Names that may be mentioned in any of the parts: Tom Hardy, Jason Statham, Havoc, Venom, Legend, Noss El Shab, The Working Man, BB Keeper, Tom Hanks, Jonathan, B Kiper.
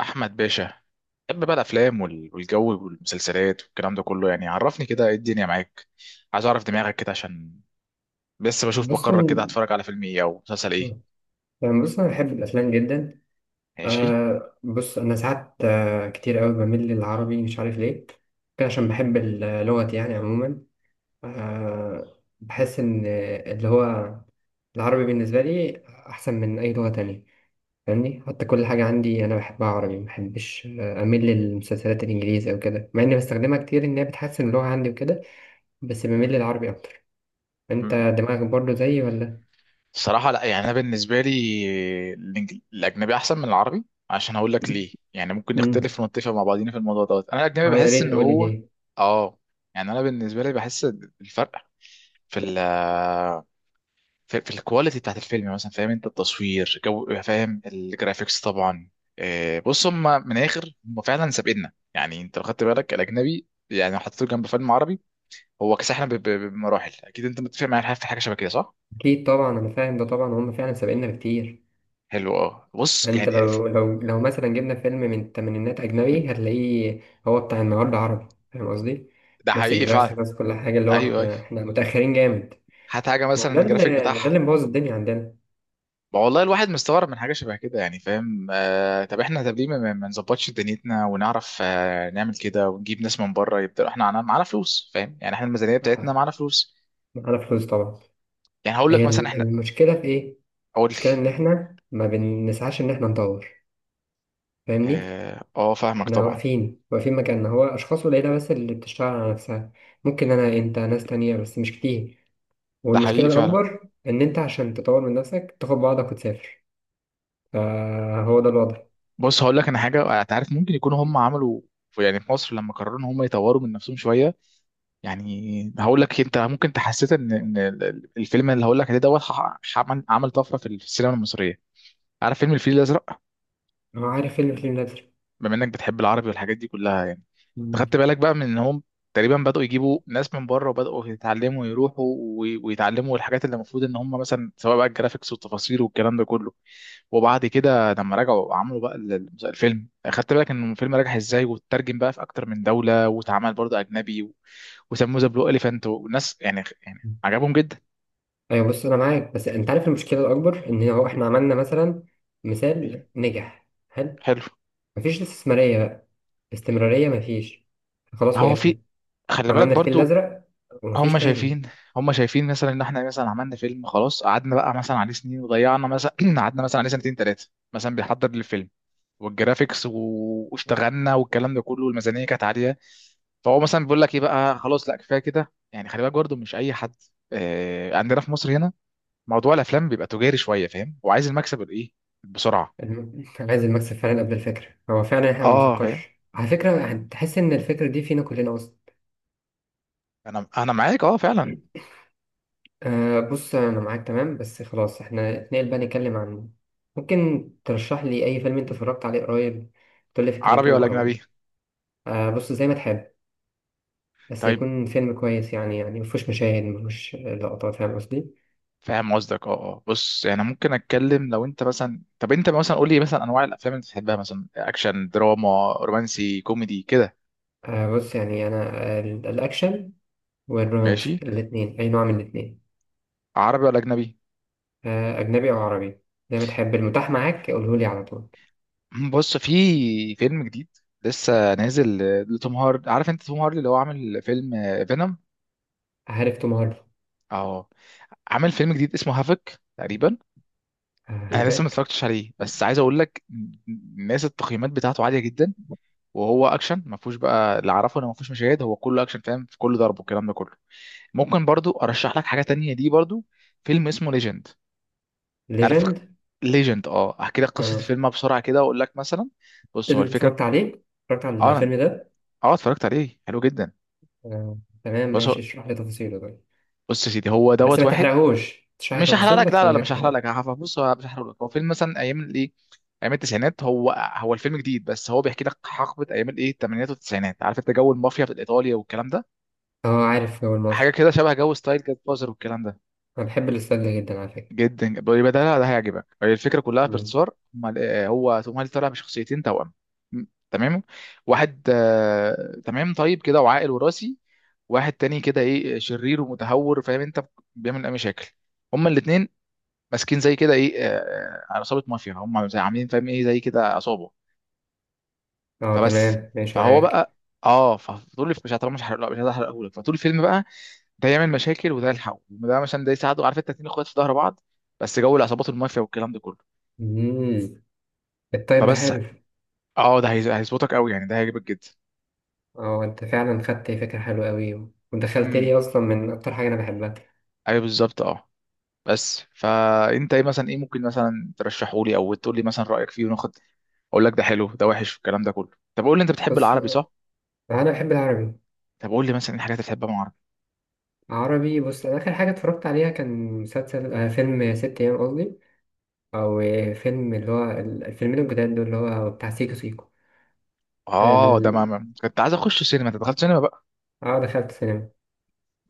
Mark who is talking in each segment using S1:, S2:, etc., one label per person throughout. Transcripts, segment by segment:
S1: احمد باشا، بحب بقى الافلام والجو والمسلسلات والكلام ده كله. يعني عرفني كده ايه الدنيا معاك. عايز اعرف دماغك كده عشان بس بشوف
S2: بص
S1: بقرر
S2: أنا-
S1: كده هتفرج على فيلم ايه او مسلسل ايه.
S2: يعني بص أنا بحب الأفلام جدا.
S1: ماشي.
S2: بص أنا ساعات كتير أوي بميل للعربي، مش عارف ليه. كان عشان بحب اللغة يعني عموما. آه بحس إن اللي هو العربي بالنسبة لي أحسن من أي لغة تانية، فاهمني؟ حتى كل حاجة عندي أنا بحبها عربي، مبحبش أميل للمسلسلات الإنجليزي أو كده، مع إني بستخدمها كتير إن هي بتحسن اللغة عندي وكده. بس بميل للعربي أكتر. أنت
S1: مم.
S2: دماغك برضه زيي ولا؟
S1: الصراحه لا، يعني انا بالنسبه لي الاجنبي احسن من العربي، عشان هقول لك ليه. يعني ممكن
S2: مم.
S1: نختلف ونتفق مع بعضينا في الموضوع دوت. انا الاجنبي
S2: اه، يا
S1: بحس
S2: ريت
S1: ان
S2: تقولي
S1: هو
S2: ليه.
S1: اه يعني انا بالنسبه لي بحس الفرق في ال في الكواليتي بتاعت الفيلم، يعني مثلا فاهم انت التصوير، جو، فاهم الجرافيكس طبعا. بص هم من الاخر هم فعلا سابقنا. يعني انت لو خدت بالك الاجنبي، يعني لو حطيته جنب فيلم عربي هو كسحنا بمراحل. اكيد انت متفق معايا في حاجه شبه كده، صح؟
S2: اكيد طبعا، انا فاهم ده طبعا، هم فعلا سابقنا بكتير.
S1: حلو، بص
S2: انت
S1: يعني
S2: لو مثلا جبنا فيلم من الثمانينات اجنبي، هتلاقيه هو بتاع النهارده عربي. فاهم قصدي؟
S1: ده
S2: نفس
S1: حقيقي
S2: الجرافيك
S1: فعلا.
S2: نفس كل حاجه. اللي هو
S1: ايوه ايوه.
S2: احنا متاخرين جامد.
S1: هات حاجه
S2: ما هو
S1: مثلا
S2: ده
S1: الجرافيك
S2: اللي
S1: بتاعها.
S2: مبوظ الدنيا عندنا.
S1: ما والله الواحد مستغرب من حاجه شبه كده، يعني فاهم. طب احنا، طب ليه ما نظبطش دنيتنا ونعرف نعمل كده ونجيب ناس من بره يبدا. احنا معانا فلوس، فاهم؟ يعني احنا الميزانيه بتاعتنا
S2: آه،
S1: معانا فلوس.
S2: معانا فلوس طبعا.
S1: يعني هقول لك
S2: هي
S1: مثلا احنا،
S2: المشكله في ايه؟
S1: اقول
S2: المشكله ان
S1: لك.
S2: احنا ما بنسعاش ان احنا نطور، فاهمني؟
S1: فاهمك
S2: احنا
S1: طبعا.
S2: واقفين واقفين مكاننا. هو اشخاص قليله بس اللي بتشتغل على نفسها. ممكن انا، انت، ناس تانية، بس مش كتير.
S1: ده
S2: والمشكلة
S1: حقيقي فعلا.
S2: الأكبر إن أنت عشان تطور من نفسك تاخد بعضك وتسافر. فهو ده الوضع.
S1: بص هقول لك انا حاجه، انت عارف ممكن يكونوا هم عملوا، يعني في مصر لما قرروا ان هم يطوروا من نفسهم شويه. يعني هقول لك، انت ممكن تحسيت ان الفيلم اللي هقول لك عليه دوت عمل طفره في السينما المصريه. عارف فيلم الفيل الازرق؟
S2: هو عارف فيلم نازل.
S1: بما انك بتحب العربي والحاجات دي كلها يعني، أنت
S2: مم.
S1: خدت بالك بقى من ان هم تقريبا بدأوا يجيبوا ناس من بره وبدأوا يتعلموا يروحوا ويتعلموا الحاجات اللي المفروض ان هم مثلا، سواء بقى الجرافيكس والتفاصيل والكلام ده كله. وبعد كده لما رجعوا عملوا بقى الفيلم. خدت بالك ان الفيلم نجح ازاي واترجم بقى في اكتر من دولة واتعمل برضه اجنبي وسموه ذا بلو اليفانت، والناس يعني عجبهم جدا.
S2: أيوة، بص أنا معاك، بس أنت عارف المشكلة الأكبر إن هو إحنا عملنا مثلا
S1: أيوه.
S2: مثال نجح حلو،
S1: حلو.
S2: مفيش استثمارية بقى، استمرارية مفيش، خلاص
S1: هو في
S2: وقفنا.
S1: خلي بالك
S2: عملنا الفيل
S1: برضو.
S2: الأزرق ومفيش
S1: هم
S2: تاني.
S1: شايفين هم شايفين مثلا ان احنا مثلا عملنا فيلم، خلاص قعدنا بقى مثلا عليه سنين وضيعنا مثلا قعدنا مثلا عليه سنتين ثلاثه مثلا بنحضر للفيلم والجرافيكس واشتغلنا والكلام ده كله، والميزانيه كانت عاليه. فهو مثلا بيقول لك ايه بقى، خلاص لا كفايه كده. يعني خلي بالك برضه مش اي حد. عندنا في مصر هنا موضوع الافلام بيبقى تجاري شويه، فاهم، وعايز المكسب الايه بسرعه.
S2: عايز المكسب فعلا قبل الفكرة. هو فعلا إحنا ما
S1: اه فاهم،
S2: بنفكرش، على فكرة هتحس إن الفكرة دي فينا كلنا أصلا.
S1: انا معاك، اه فعلا.
S2: أه، بص أنا معاك تمام، بس خلاص احنا اتنقل بقى نتكلم عن ممكن ترشح لي أي فيلم أنت اتفرجت عليه قريب، تقول لي
S1: عربي ولا
S2: فكرته أو...
S1: اجنبي؟
S2: أه بص زي ما تحب، بس
S1: طيب.
S2: يكون فيلم كويس يعني مفهوش مشاهد مفهوش لقطات، فاهم قصدي؟
S1: فاهم قصدك. اه اه، بص يعني ممكن اتكلم. لو انت مثلا، طب انت مثلا قول لي مثلا انواع الافلام اللي بتحبها، مثلا اكشن، دراما، رومانسي، كوميدي كده.
S2: أه بص يعني أنا الأكشن
S1: ماشي.
S2: والرومانسي، الاتنين، أي نوع من الاتنين.
S1: عربي ولا اجنبي؟
S2: أه أجنبي أو عربي، زي ما تحب المتاح معاك قولهولي على طول.
S1: بص في فيلم جديد لسه نازل لتوم هارد. عارف انت توم هاردي اللي هو عامل فيلم فينوم؟
S2: عارف توم هاردي؟
S1: اهو عامل فيلم جديد اسمه هافك تقريبا.
S2: أه
S1: انا لسه ما
S2: هداك.
S1: اتفرجتش عليه بس عايز اقول لك، الناس التقييمات بتاعته عاليه جدا. وهو اكشن، ما فيهوش بقى، اللي اعرفه انه ما فيهوش مشاهد، هو كله اكشن فاهم، في كل ضرب والكلام ده كله. ممكن برضو ارشح لك حاجه تانية، دي برضو فيلم اسمه ليجند. تعرف
S2: ليجند.
S1: ليجند؟ اه احكي لك قصه
S2: أه،
S1: الفيلم بسرعه كده واقول لك مثلا.
S2: إيه
S1: بص هو
S2: اللي
S1: الفكره،
S2: اتفرجت عليه؟ اتفرجت على
S1: اه أنا-
S2: الفيلم ده؟
S1: اه اتفرجت عليه، حلو جدا.
S2: آه، تمام
S1: بص هو-
S2: ماشي، اشرح لي تفاصيله طيب.
S1: بص يا سيدي، هو
S2: بس
S1: دوت
S2: ما
S1: واحد.
S2: تحرقهوش، اشرح لي
S1: مش هحرق
S2: تفاصيل
S1: لك،
S2: بس
S1: لا لا
S2: من
S1: لا
S2: غير
S1: مش هحرق
S2: حرق.
S1: لك. بص هو مش هحرق لك، هو فيلم مثلا ايام الايه، ايام التسعينات. هو، هو الفيلم جديد بس هو بيحكي لك حقبه ايام الايه الثمانينات والتسعينات. عارف انت جو المافيا في ايطاليا والكلام ده؟
S2: اه عارف، هو
S1: حاجه
S2: المافيا.
S1: كده شبه جو ستايل جاد فازر والكلام ده.
S2: انا بحب الاستاذ ده جدا، على فكرة.
S1: جدا يبقى ده، لا، ده هيعجبك. هي الفكره كلها
S2: مم.
S1: باختصار، هو توم هانكس طالع بشخصيتين توأم. م- تمام. واحد تمام طيب كده وعاقل وراسي، واحد تاني كده ايه شرير ومتهور، فاهم انت، بيعمل اي مشاكل. هما الاثنين ماسكين زي كده ايه عصابه مافيا، هما زي عاملين فاهم ايه زي كده عصابه.
S2: اه
S1: فبس،
S2: تمام ماشي
S1: فهو
S2: معاك.
S1: بقى اه فطول مش هتعرف، مش هحرق، مش هحرقه لك. فطول الفيلم بقى ده يعمل مشاكل وده يلحقه وده مثلا ده يساعده. عارف انت، اتنين اخوات في ظهر بعض، بس جو العصابات المافيا والكلام ده كله.
S2: مم. الطيب ده
S1: فبس،
S2: حلو.
S1: اه ده هيظبطك قوي، يعني ده هيعجبك جدا.
S2: اه انت فعلا خدت فكرة حلوة قوي، ودخلت
S1: امم
S2: لي اصلا من اكتر حاجة انا بحبها.
S1: ايوه بالظبط اه. بس فانت ايه مثلا، ايه ممكن مثلا ترشحه لي او تقول لي مثلا رايك فيه وناخد، اقول لك ده حلو ده وحش الكلام ده كله. طب قول لي انت بتحب
S2: بص،
S1: العربي صح؟
S2: انا بحب العربي.
S1: طب قول لي مثلا ايه الحاجات اللي بتحبها من العربي.
S2: عربي، بص انا اخر حاجة اتفرجت عليها كان مسلسل فيلم ست ايام قصدي، او فيلم، اللي هو الفيلمين الجداد دول اللي هو بتاع سيكو سيكو.
S1: اه ده
S2: ال-
S1: كنت عايز اخش سينما، انت دخلت سينما بقى.
S2: اه دخلت سينما.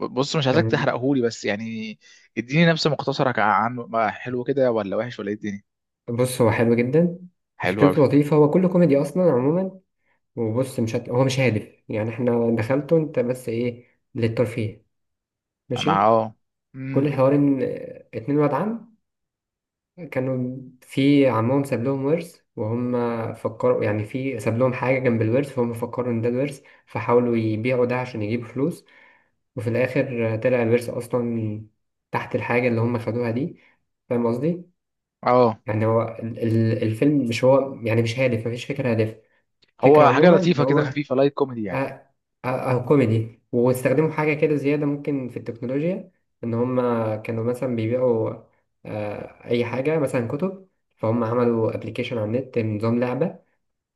S1: بص مش عايزك
S2: كان،
S1: تحرقهولي بس يعني اديني نبذه مختصره عنه بقى، حلو كده ولا وحش ولا ايه الدنيا.
S2: بص هو حلو جدا،
S1: حلو قوي.
S2: فكرته لطيفة. هو كله كوميدي أصلا عموما. وبص، مش هت... هو مش هادف يعني، احنا دخلته انت بس ايه، للترفيه.
S1: انا
S2: ماشي. كل
S1: امم
S2: الحوار ان اتنين واد عم كانوا في عمهم ساب لهم ورث، وهم فكروا يعني في ساب لهم حاجة جنب الورث، فهم فكروا ان ده الورث فحاولوا يبيعوا ده عشان يجيبوا فلوس. وفي الآخر طلع الورث أصلا تحت الحاجة اللي هم خدوها دي. فاهم قصدي؟
S1: اه
S2: يعني هو الفيلم مش هو يعني، مش هادف، مفيش فكرة هادفة. فكرة
S1: هو حاجه
S2: عموما إن
S1: لطيفه
S2: هو
S1: كده خفيفه لايت كوميدي يعني.
S2: آه، كوميدي، واستخدموا حاجة كده زيادة ممكن في التكنولوجيا، إن هما كانوا مثلا بيبيعوا أي حاجة مثلا كتب. فهم عملوا أبلكيشن على النت، نظام لعبة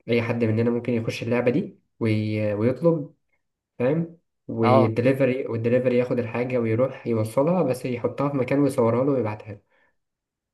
S2: أي حد مننا ممكن يخش اللعبة دي ويطلب، فاهم؟
S1: اه
S2: والدليفري ياخد الحاجة ويروح يوصلها، بس يحطها في مكان ويصورها له ويبعتها له.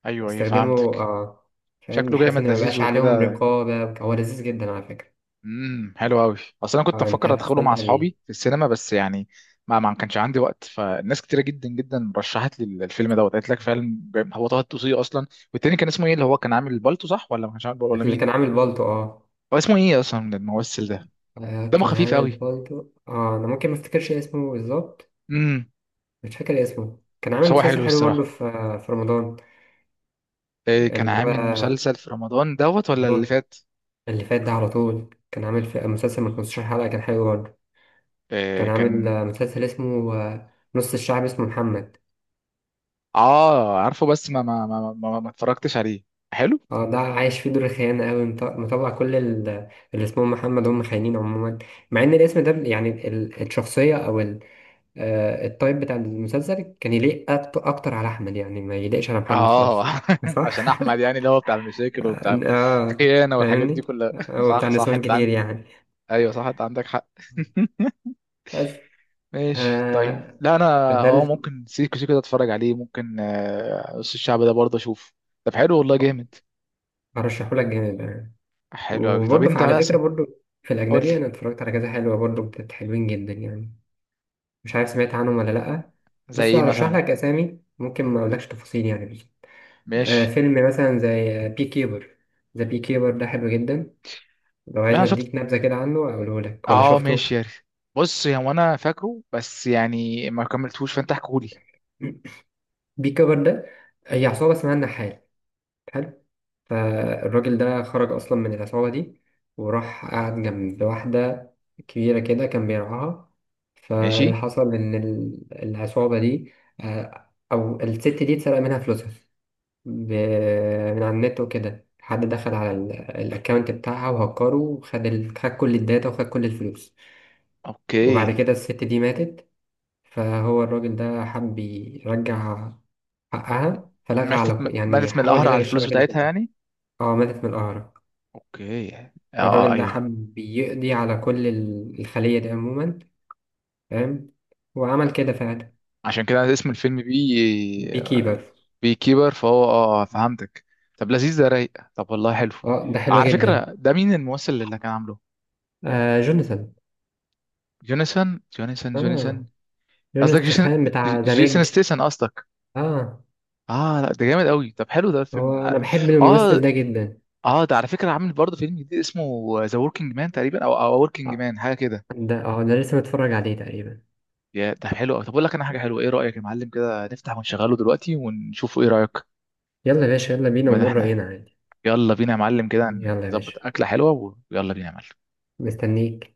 S1: ايوه ايوه
S2: استخدمه،
S1: فهمتك.
S2: اه، فاهم،
S1: شكله
S2: بحيث
S1: جامد
S2: ان ما
S1: لذيذ
S2: يبقاش عليهم
S1: وكده.
S2: رقابة. هو لذيذ جدا على فكرة.
S1: حلو قوي. اصل انا كنت
S2: اه انت
S1: مفكر ادخله مع
S2: هتستمتع بيه.
S1: اصحابي في السينما بس يعني ما كانش عندي وقت. فالناس كتيره جدا جدا رشحت لي الفيلم دوت، قالت لك فعلا جامد. هو طه الدسوقي اصلا. والتاني كان اسمه ايه، اللي هو كان عامل البالتو، صح ولا ما كانش عامل بالتو؟ ولا
S2: اللي
S1: مين،
S2: كان عامل بالطو. اه،
S1: هو اسمه ايه اصلا الممثل ده؟ دمه
S2: كان
S1: خفيف
S2: عامل
S1: قوي.
S2: بالطو. اه انا ممكن ما افتكرش اسمه بالظبط.
S1: امم
S2: مش فاكر اسمه. كان عامل
S1: بس هو
S2: مسلسل
S1: حلو
S2: حلو برضه
S1: الصراحه.
S2: في رمضان.
S1: إيه، كان
S2: اللي
S1: عامل
S2: هو
S1: مسلسل في رمضان دوت ولا
S2: اللي
S1: اللي
S2: هو
S1: فات؟
S2: اللي فات ده على طول كان عامل في مسلسل من 15 حلقة، كان حلو برضه.
S1: إيه
S2: كان عامل
S1: كان.
S2: مسلسل اسمه نص الشعب، اسمه محمد.
S1: اه عارفه بس ما اتفرجتش عليه. حلو.
S2: اه ده عايش فيه دور الخيانة أوي، مطلع كل اللي اسمهم محمد هم خاينين عموما. مع إن الاسم ده يعني الشخصية أو التايب بتاع المسلسل كان يليق أكتر على أحمد يعني، ما يليقش على محمد
S1: اه
S2: خالص.
S1: عشان
S2: صح؟
S1: احمد يعني اللي هو بتاع المشاكل وبتاع
S2: اه،
S1: الخيانه والحاجات دي
S2: فاهمني؟
S1: كلها
S2: هو بتاع
S1: صح صح،
S2: نسوان
S1: انت
S2: كتير
S1: عندك،
S2: يعني،
S1: ايوه صح انت عندك حق
S2: بس.
S1: ماشي طيب،
S2: آه
S1: لا انا
S2: فده
S1: اه ممكن سيكو سيكو ده اتفرج عليه، ممكن نص الشعب ده برضه اشوف. طب حلو والله جامد.
S2: برشحهولك جامد يعني.
S1: حلو قوي. طب
S2: وبرضه
S1: انت
S2: على فكرة
S1: مثلا
S2: برضه في
S1: قول لي.
S2: الأجنبي، أنا اتفرجت على كذا حلوة برضه، حلوين جدا يعني. مش عارف سمعت عنهم ولا لأ.
S1: زي
S2: بص
S1: ايه
S2: هرشح
S1: مثلا.
S2: لك أسامي، ممكن ما أقولكش تفاصيل يعني، بس
S1: ماشي.
S2: فيلم مثلا زي بي كيبر. ذا بي كيبر ده حلو جدا. لو عايز
S1: انا شفت.
S2: نديك نبذة كده عنه أقوله لك ولا
S1: اه
S2: شفته؟
S1: ماشي يا ريت. بص يا، هو انا فاكره بس يعني ما كملتهوش، فانت احكولي.
S2: بي كيبر ده، هي عصابة اسمها النحال، حلو. فالراجل ده خرج أصلا من العصابة دي، وراح قعد جنب واحدة كبيرة كده كان بيرعاها. فاللي
S1: ماشي.
S2: حصل إن العصابة دي أو الست دي اتسرق منها فلوسها ب- من على النت وكده. حد دخل على الاكونت بتاعها وهكره، وخد خد كل الداتا وخد كل الفلوس. وبعد
S1: اوكي.
S2: كده الست دي ماتت. فهو الراجل ده حب يرجع حقها، فلغى على
S1: ماتت؟
S2: يعني
S1: ماتت من
S2: حاول
S1: القهر على
S2: يلغي
S1: الفلوس
S2: الشبكة دي
S1: بتاعتها
S2: كلها.
S1: يعني؟
S2: اه ماتت من القهر.
S1: اوكي اه.
S2: فالراجل ده
S1: ايوه.
S2: حب يقضي على كل الخلية دي عموما، فاهم؟ وعمل كده فعلا.
S1: عشان كده اسم الفيلم
S2: بيكيبر.
S1: بي كيبر، فهو فهمتك. طب لذيذ، ده رايق. طب والله حلو.
S2: اه ده حلو
S1: على
S2: جدا.
S1: فكرة ده مين الممثل اللي كان عامله؟
S2: جوناثان.
S1: جوناثان.
S2: اه
S1: قصدك جيسون
S2: جوناثان بتاع ذا
S1: جيسون
S2: ميج.
S1: ستيسن قصدك.
S2: اه
S1: اه لا ده جامد قوي. طب حلو ده الفيلم
S2: هو انا
S1: اه.
S2: بحب
S1: اه
S2: الممثل ده جدا.
S1: ده على فكرة عامل برضه فيلم جديد اسمه ذا وركينج مان تقريبا، او وركينج
S2: اه
S1: مان حاجة كده.
S2: اه ده لسه متفرج عليه تقريبا.
S1: يا ده حلو قوي. طب اقول لك انا حاجة حلوة، ايه رأيك يا معلم كده نفتح ونشغله دلوقتي ونشوفه، ايه رأيك؟
S2: يلا يا باشا، يلا بينا
S1: ما
S2: ونقول
S1: احنا.
S2: رأينا عادي.
S1: يلا بينا يا معلم كده
S2: يلا يا باشا.
S1: نظبط أكلة حلوة ويلا بينا يا معلم.
S2: مستنيك.